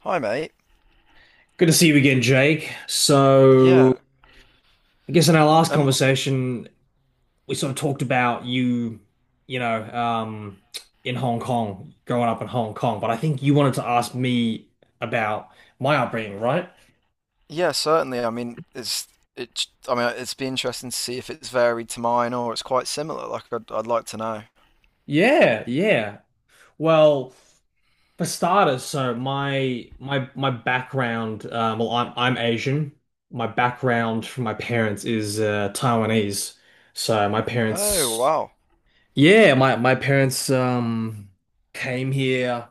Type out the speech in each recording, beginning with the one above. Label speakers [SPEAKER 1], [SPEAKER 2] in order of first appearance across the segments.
[SPEAKER 1] Hi, mate.
[SPEAKER 2] Good to see you again, Jake.
[SPEAKER 1] Yeah.
[SPEAKER 2] I guess in our last
[SPEAKER 1] Um.
[SPEAKER 2] conversation, we sort of talked about you, you know, um, in Hong Kong, growing up in Hong Kong. But I think you wanted to ask me about my upbringing, right?
[SPEAKER 1] Yeah, certainly. I mean, it's be interesting to see if it's varied to mine or it's quite similar. Like, I'd like to know.
[SPEAKER 2] Yeah, yeah. Well, for starters, so my background, well, I'm Asian. My background from my parents is Taiwanese. So my
[SPEAKER 1] Oh,
[SPEAKER 2] parents.
[SPEAKER 1] wow.
[SPEAKER 2] Yeah, my parents came here, I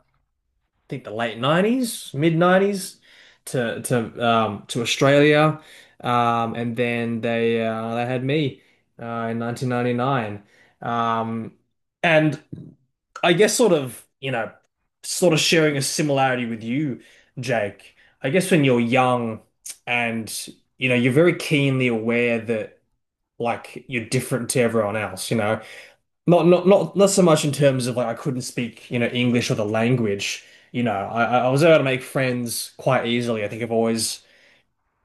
[SPEAKER 2] think the late 90s, mid 90s to Australia. And then they had me in 1999. Um and I guess sort of, sort of sharing a similarity with you, Jake. I guess when you're young and you know, you're very keenly aware that like you're different to everyone else, you know. Not so much in terms of like I couldn't speak, you know, English or the language. You know, I was able to make friends quite easily. I think I've always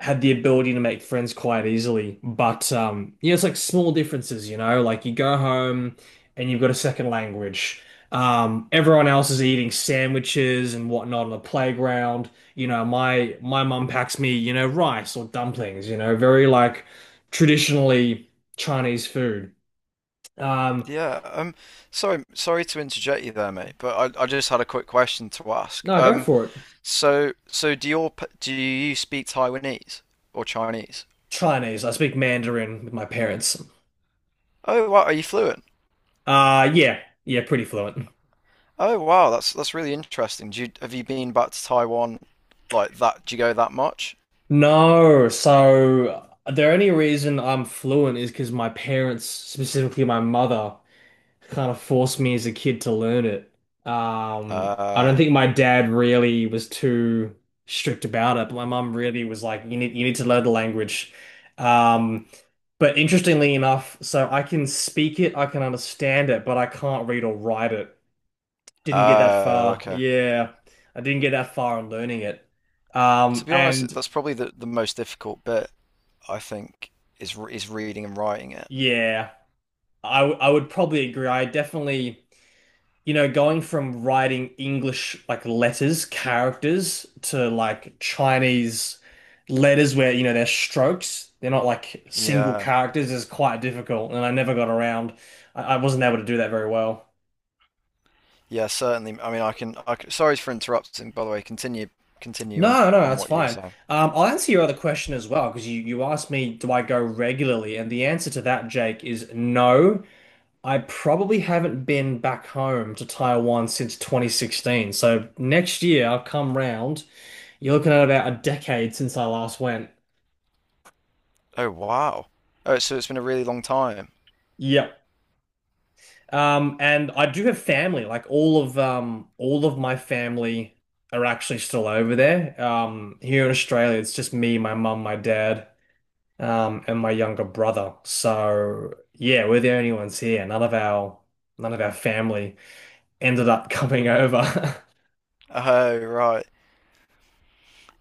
[SPEAKER 2] had the ability to make friends quite easily. But yeah, it's like small differences, you know, like you go home and you've got a second language. Everyone else is eating sandwiches and whatnot on the playground. You know, my mum packs me, you know, rice or dumplings, you know, very like traditionally Chinese food. Um,
[SPEAKER 1] Yeah. Sorry. Sorry to interject you there, mate. But I just had a quick question to ask.
[SPEAKER 2] no, go for it.
[SPEAKER 1] So do your do you speak Taiwanese or Chinese?
[SPEAKER 2] Chinese. I speak Mandarin with my parents.
[SPEAKER 1] Oh, wow. Are you fluent?
[SPEAKER 2] Yeah, yeah, pretty fluent.
[SPEAKER 1] Oh, wow. That's really interesting. Do you have you been back to Taiwan like that? Do you go that much?
[SPEAKER 2] No, so the only reason I'm fluent is because my parents, specifically my mother, kind of forced me as a kid to learn it. I don't
[SPEAKER 1] Uh.
[SPEAKER 2] think my dad really was too strict about it, but my mum really was like, you need, you need to learn the language. Um, but interestingly enough, so I can speak it, I can understand it, but I can't read or write it. Didn't get that
[SPEAKER 1] Oh,
[SPEAKER 2] far.
[SPEAKER 1] okay.
[SPEAKER 2] Yeah, I didn't get that far on learning it.
[SPEAKER 1] To be honest,
[SPEAKER 2] And
[SPEAKER 1] that's probably the most difficult bit, I think, is reading and writing it.
[SPEAKER 2] yeah, I would probably agree. I definitely, you know, going from writing English like letters, characters to like Chinese letters where, you know, they're strokes, they're not like single
[SPEAKER 1] Yeah,
[SPEAKER 2] characters is quite difficult, and I never got around. I wasn't able to do that very well.
[SPEAKER 1] yeah, certainly. I mean, I can, sorry for interrupting, by the way. Continue, continue on
[SPEAKER 2] No, no,
[SPEAKER 1] on
[SPEAKER 2] that's
[SPEAKER 1] what you were
[SPEAKER 2] fine.
[SPEAKER 1] saying.
[SPEAKER 2] I'll answer your other question as well because you asked me, do I go regularly? And the answer to that, Jake, is no. I probably haven't been back home to Taiwan since 2016. So next year I'll come round. You're looking at about a decade since I last went.
[SPEAKER 1] Oh, wow. Oh, so it's been a really long time.
[SPEAKER 2] Yep. And I do have family. Like all of my family are actually still over there. Here in Australia, it's just me, my mum, my dad, and my younger brother. So yeah, we're the only ones here. None of our family ended up coming over.
[SPEAKER 1] Oh, right.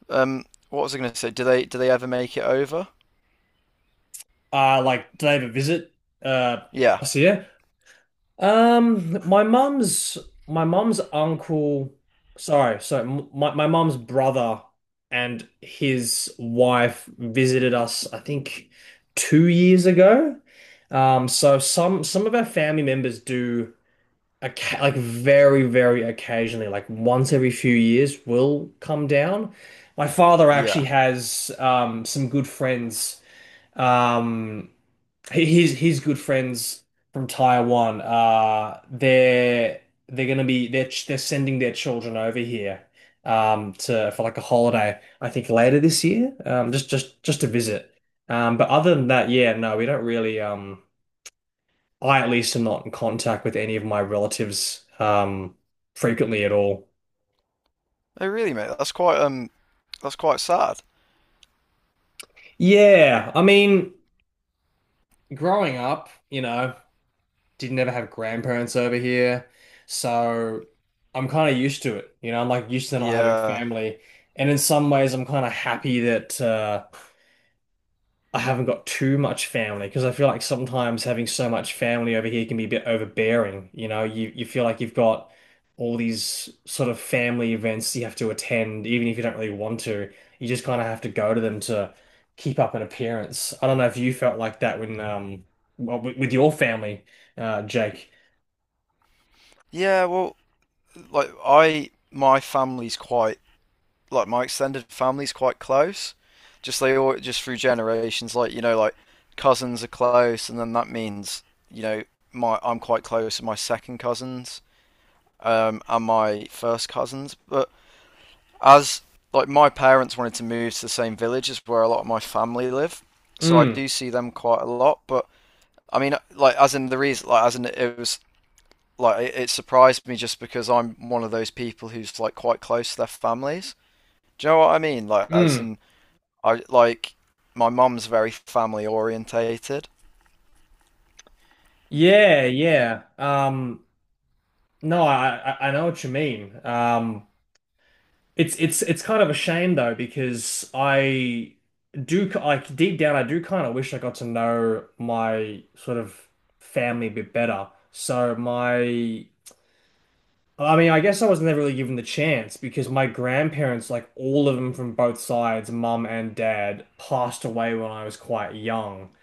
[SPEAKER 1] Um, what was I going to say? Do they ever make it over?
[SPEAKER 2] Like, did they ever visit uh
[SPEAKER 1] Yeah,
[SPEAKER 2] us here? Um, my mum's my mum's uncle. Sorry, so my mum's brother and his wife visited us. I think 2 years ago. So some of our family members do Oca, like very, very occasionally, like once every few years, will come down. My father actually
[SPEAKER 1] yeah.
[SPEAKER 2] has some good friends. Um, he's good friends from Taiwan. They're gonna be they're ch- they're sending their children over here to for like a holiday. I think later this year, um, just to visit. But other than that, yeah, no, we don't really. I at least am not in contact with any of my relatives frequently at all.
[SPEAKER 1] Oh, really, mate? That's quite sad.
[SPEAKER 2] Yeah, I mean, growing up, you know, didn't ever have grandparents over here, so I'm kind of used to it. You know, I'm like used to not having
[SPEAKER 1] Yeah,
[SPEAKER 2] family, and in some ways, I'm kind of happy that I haven't got too much family because I feel like sometimes having so much family over here can be a bit overbearing. You know, you feel like you've got all these sort of family events you have to attend, even if you don't really want to. You just kind of have to go to them to keep up an appearance. I don't know if you felt like that when with your family, Jake.
[SPEAKER 1] yeah. Well, like I, my family's quite like my extended family's quite close. Just they all just through generations, like you know, like cousins are close, and then that means you know my I'm quite close to my second cousins and my first cousins. But as like my parents wanted to move to the same village as where a lot of my family live, so I
[SPEAKER 2] Mm,
[SPEAKER 1] do see them quite a lot. But I mean, like as in the reason, like as in it was like it surprised me just because I'm one of those people who's like quite close to their families. Do you know what I mean? Like as
[SPEAKER 2] mm.
[SPEAKER 1] in I like my mum's very family orientated.
[SPEAKER 2] Yeah, yeah. No, I know what you mean. Um, it's it's kind of a shame though because I do like deep down I do kind of wish I got to know my sort of family a bit better. So my, I mean I guess I was never really given the chance because my grandparents, like all of them from both sides, mum and dad, passed away when I was quite young.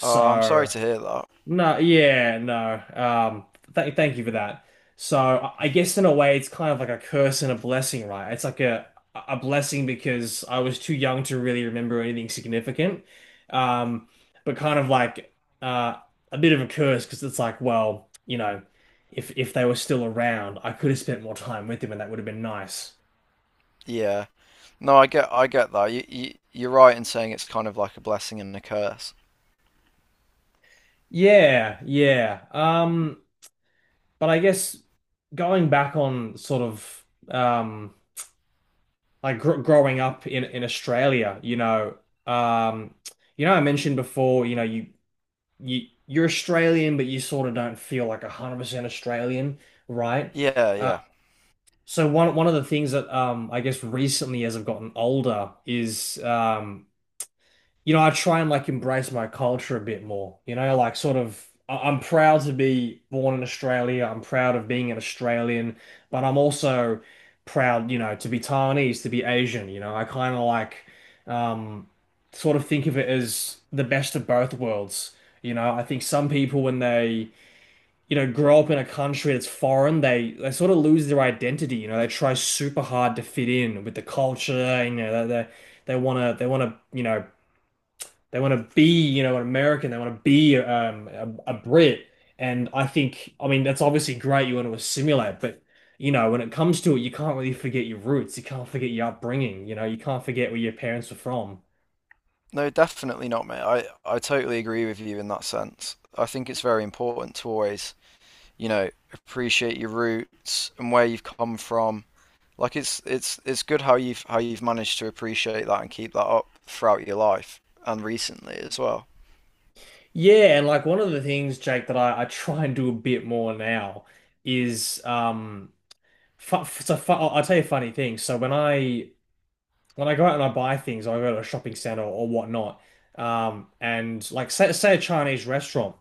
[SPEAKER 1] Oh, I'm sorry to hear that.
[SPEAKER 2] No, yeah, no. Th Thank you for that. So I guess in a way, it's kind of like a curse and a blessing, right? It's like a blessing because I was too young to really remember anything significant, um, but kind of like uh, a bit of a curse because it's like, well, you know, if they were still around, I could have spent more time with them, and that would have been nice.
[SPEAKER 1] Yeah. No, I get that. You, you're right in saying it's kind of like a blessing and a curse.
[SPEAKER 2] Yeah, yeah. But I guess going back on sort of um, like gr growing up in Australia, um, you know, I mentioned before, you know, you're Australian, but you sort of don't feel like 100% Australian, right?
[SPEAKER 1] Yeah,
[SPEAKER 2] Uh,
[SPEAKER 1] yeah.
[SPEAKER 2] so one of the things that I guess recently as I've gotten older is um, you know, I try and like embrace my culture a bit more. You know, like sort of, I'm proud to be born in Australia. I'm proud of being an Australian, but I'm also proud, you know, to be Taiwanese, to be Asian. You know, I kind of like, um, sort of think of it as the best of both worlds. You know, I think some people when they, you know, grow up in a country that's foreign, they sort of lose their identity. You know, they try super hard to fit in with the culture. You know, they wanna you know they want to be, you know, an American. They want to be a Brit. And I think, I mean, that's obviously great. You want to assimilate, but you know, when it comes to it, you can't really forget your roots. You can't forget your upbringing. You know, you can't forget where your parents were from.
[SPEAKER 1] No, definitely not, mate. I totally agree with you in that sense. I think it's very important to always, you know, appreciate your roots and where you've come from. Like it's good how you've managed to appreciate that and keep that up throughout your life and recently as well.
[SPEAKER 2] Yeah, and like one of the things, Jake, that I try and do a bit more now is fu so fu I'll tell you a funny thing. So when I go out and I buy things, I go to a shopping center or whatnot, and like say a Chinese restaurant.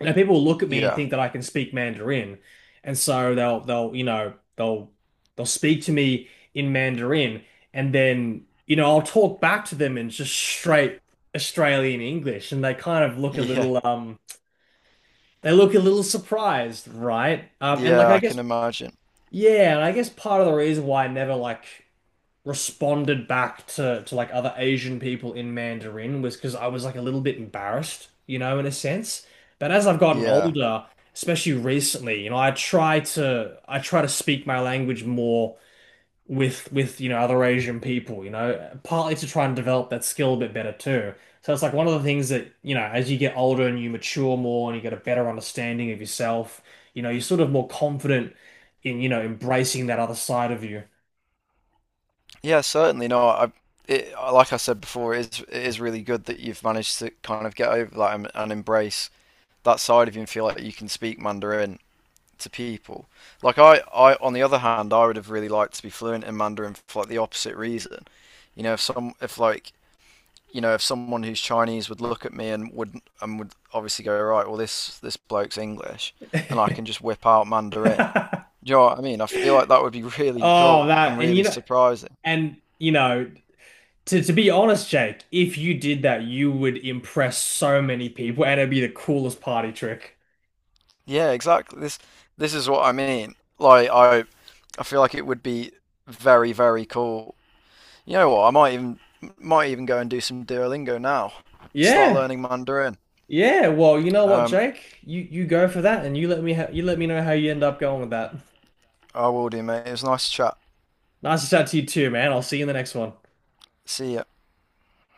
[SPEAKER 2] And people will look at me and
[SPEAKER 1] Yeah.
[SPEAKER 2] think that I can speak Mandarin. And so you know, they'll speak to me in Mandarin and then, you know, I'll talk back to them in just straight Australian English and they kind of look a
[SPEAKER 1] Yeah.
[SPEAKER 2] little they look a little surprised, right? And like
[SPEAKER 1] Yeah,
[SPEAKER 2] I
[SPEAKER 1] I
[SPEAKER 2] guess
[SPEAKER 1] can imagine.
[SPEAKER 2] yeah, and I guess part of the reason why I never like responded back to like other Asian people in Mandarin was because I was like a little bit embarrassed, you know, in a sense. But as I've gotten
[SPEAKER 1] Yeah.
[SPEAKER 2] older, especially recently, you know, I try to speak my language more with you know other Asian people, you know, partly to try and develop that skill a bit better too. So it's like one of the things that, you know, as you get older and you mature more and you get a better understanding of yourself, you know, you're sort of more confident in, you know, embracing that other side of you.
[SPEAKER 1] Yeah, certainly. No, I it like I said before, it is really good that you've managed to kind of get over that and embrace that side of you and feel like you can speak Mandarin to people. Like I on the other hand, I would have really liked to be fluent in Mandarin for like the opposite reason. You know, if you know, if someone who's Chinese would look at me and would obviously go, right, well this bloke's English and I can just whip out Mandarin. Do you know what I mean? I feel like that would be really
[SPEAKER 2] Oh,
[SPEAKER 1] cool
[SPEAKER 2] that,
[SPEAKER 1] and
[SPEAKER 2] and you
[SPEAKER 1] really
[SPEAKER 2] know,
[SPEAKER 1] surprising.
[SPEAKER 2] and you know, to be honest, Jake, if you did that, you would impress so many people and it'd be the coolest party trick.
[SPEAKER 1] Yeah, exactly. This is what I mean. Like I feel like it would be very, very cool. You know what? I might even go and do some Duolingo now. Start
[SPEAKER 2] Yeah.
[SPEAKER 1] learning Mandarin.
[SPEAKER 2] Yeah, well, you know what,
[SPEAKER 1] Um,
[SPEAKER 2] Jake? You go for that and you let me ha you let me know how you end up going with that.
[SPEAKER 1] I will do, mate. It was nice to chat.
[SPEAKER 2] Nice to chat to you too, man. I'll see you in the next one.
[SPEAKER 1] See ya.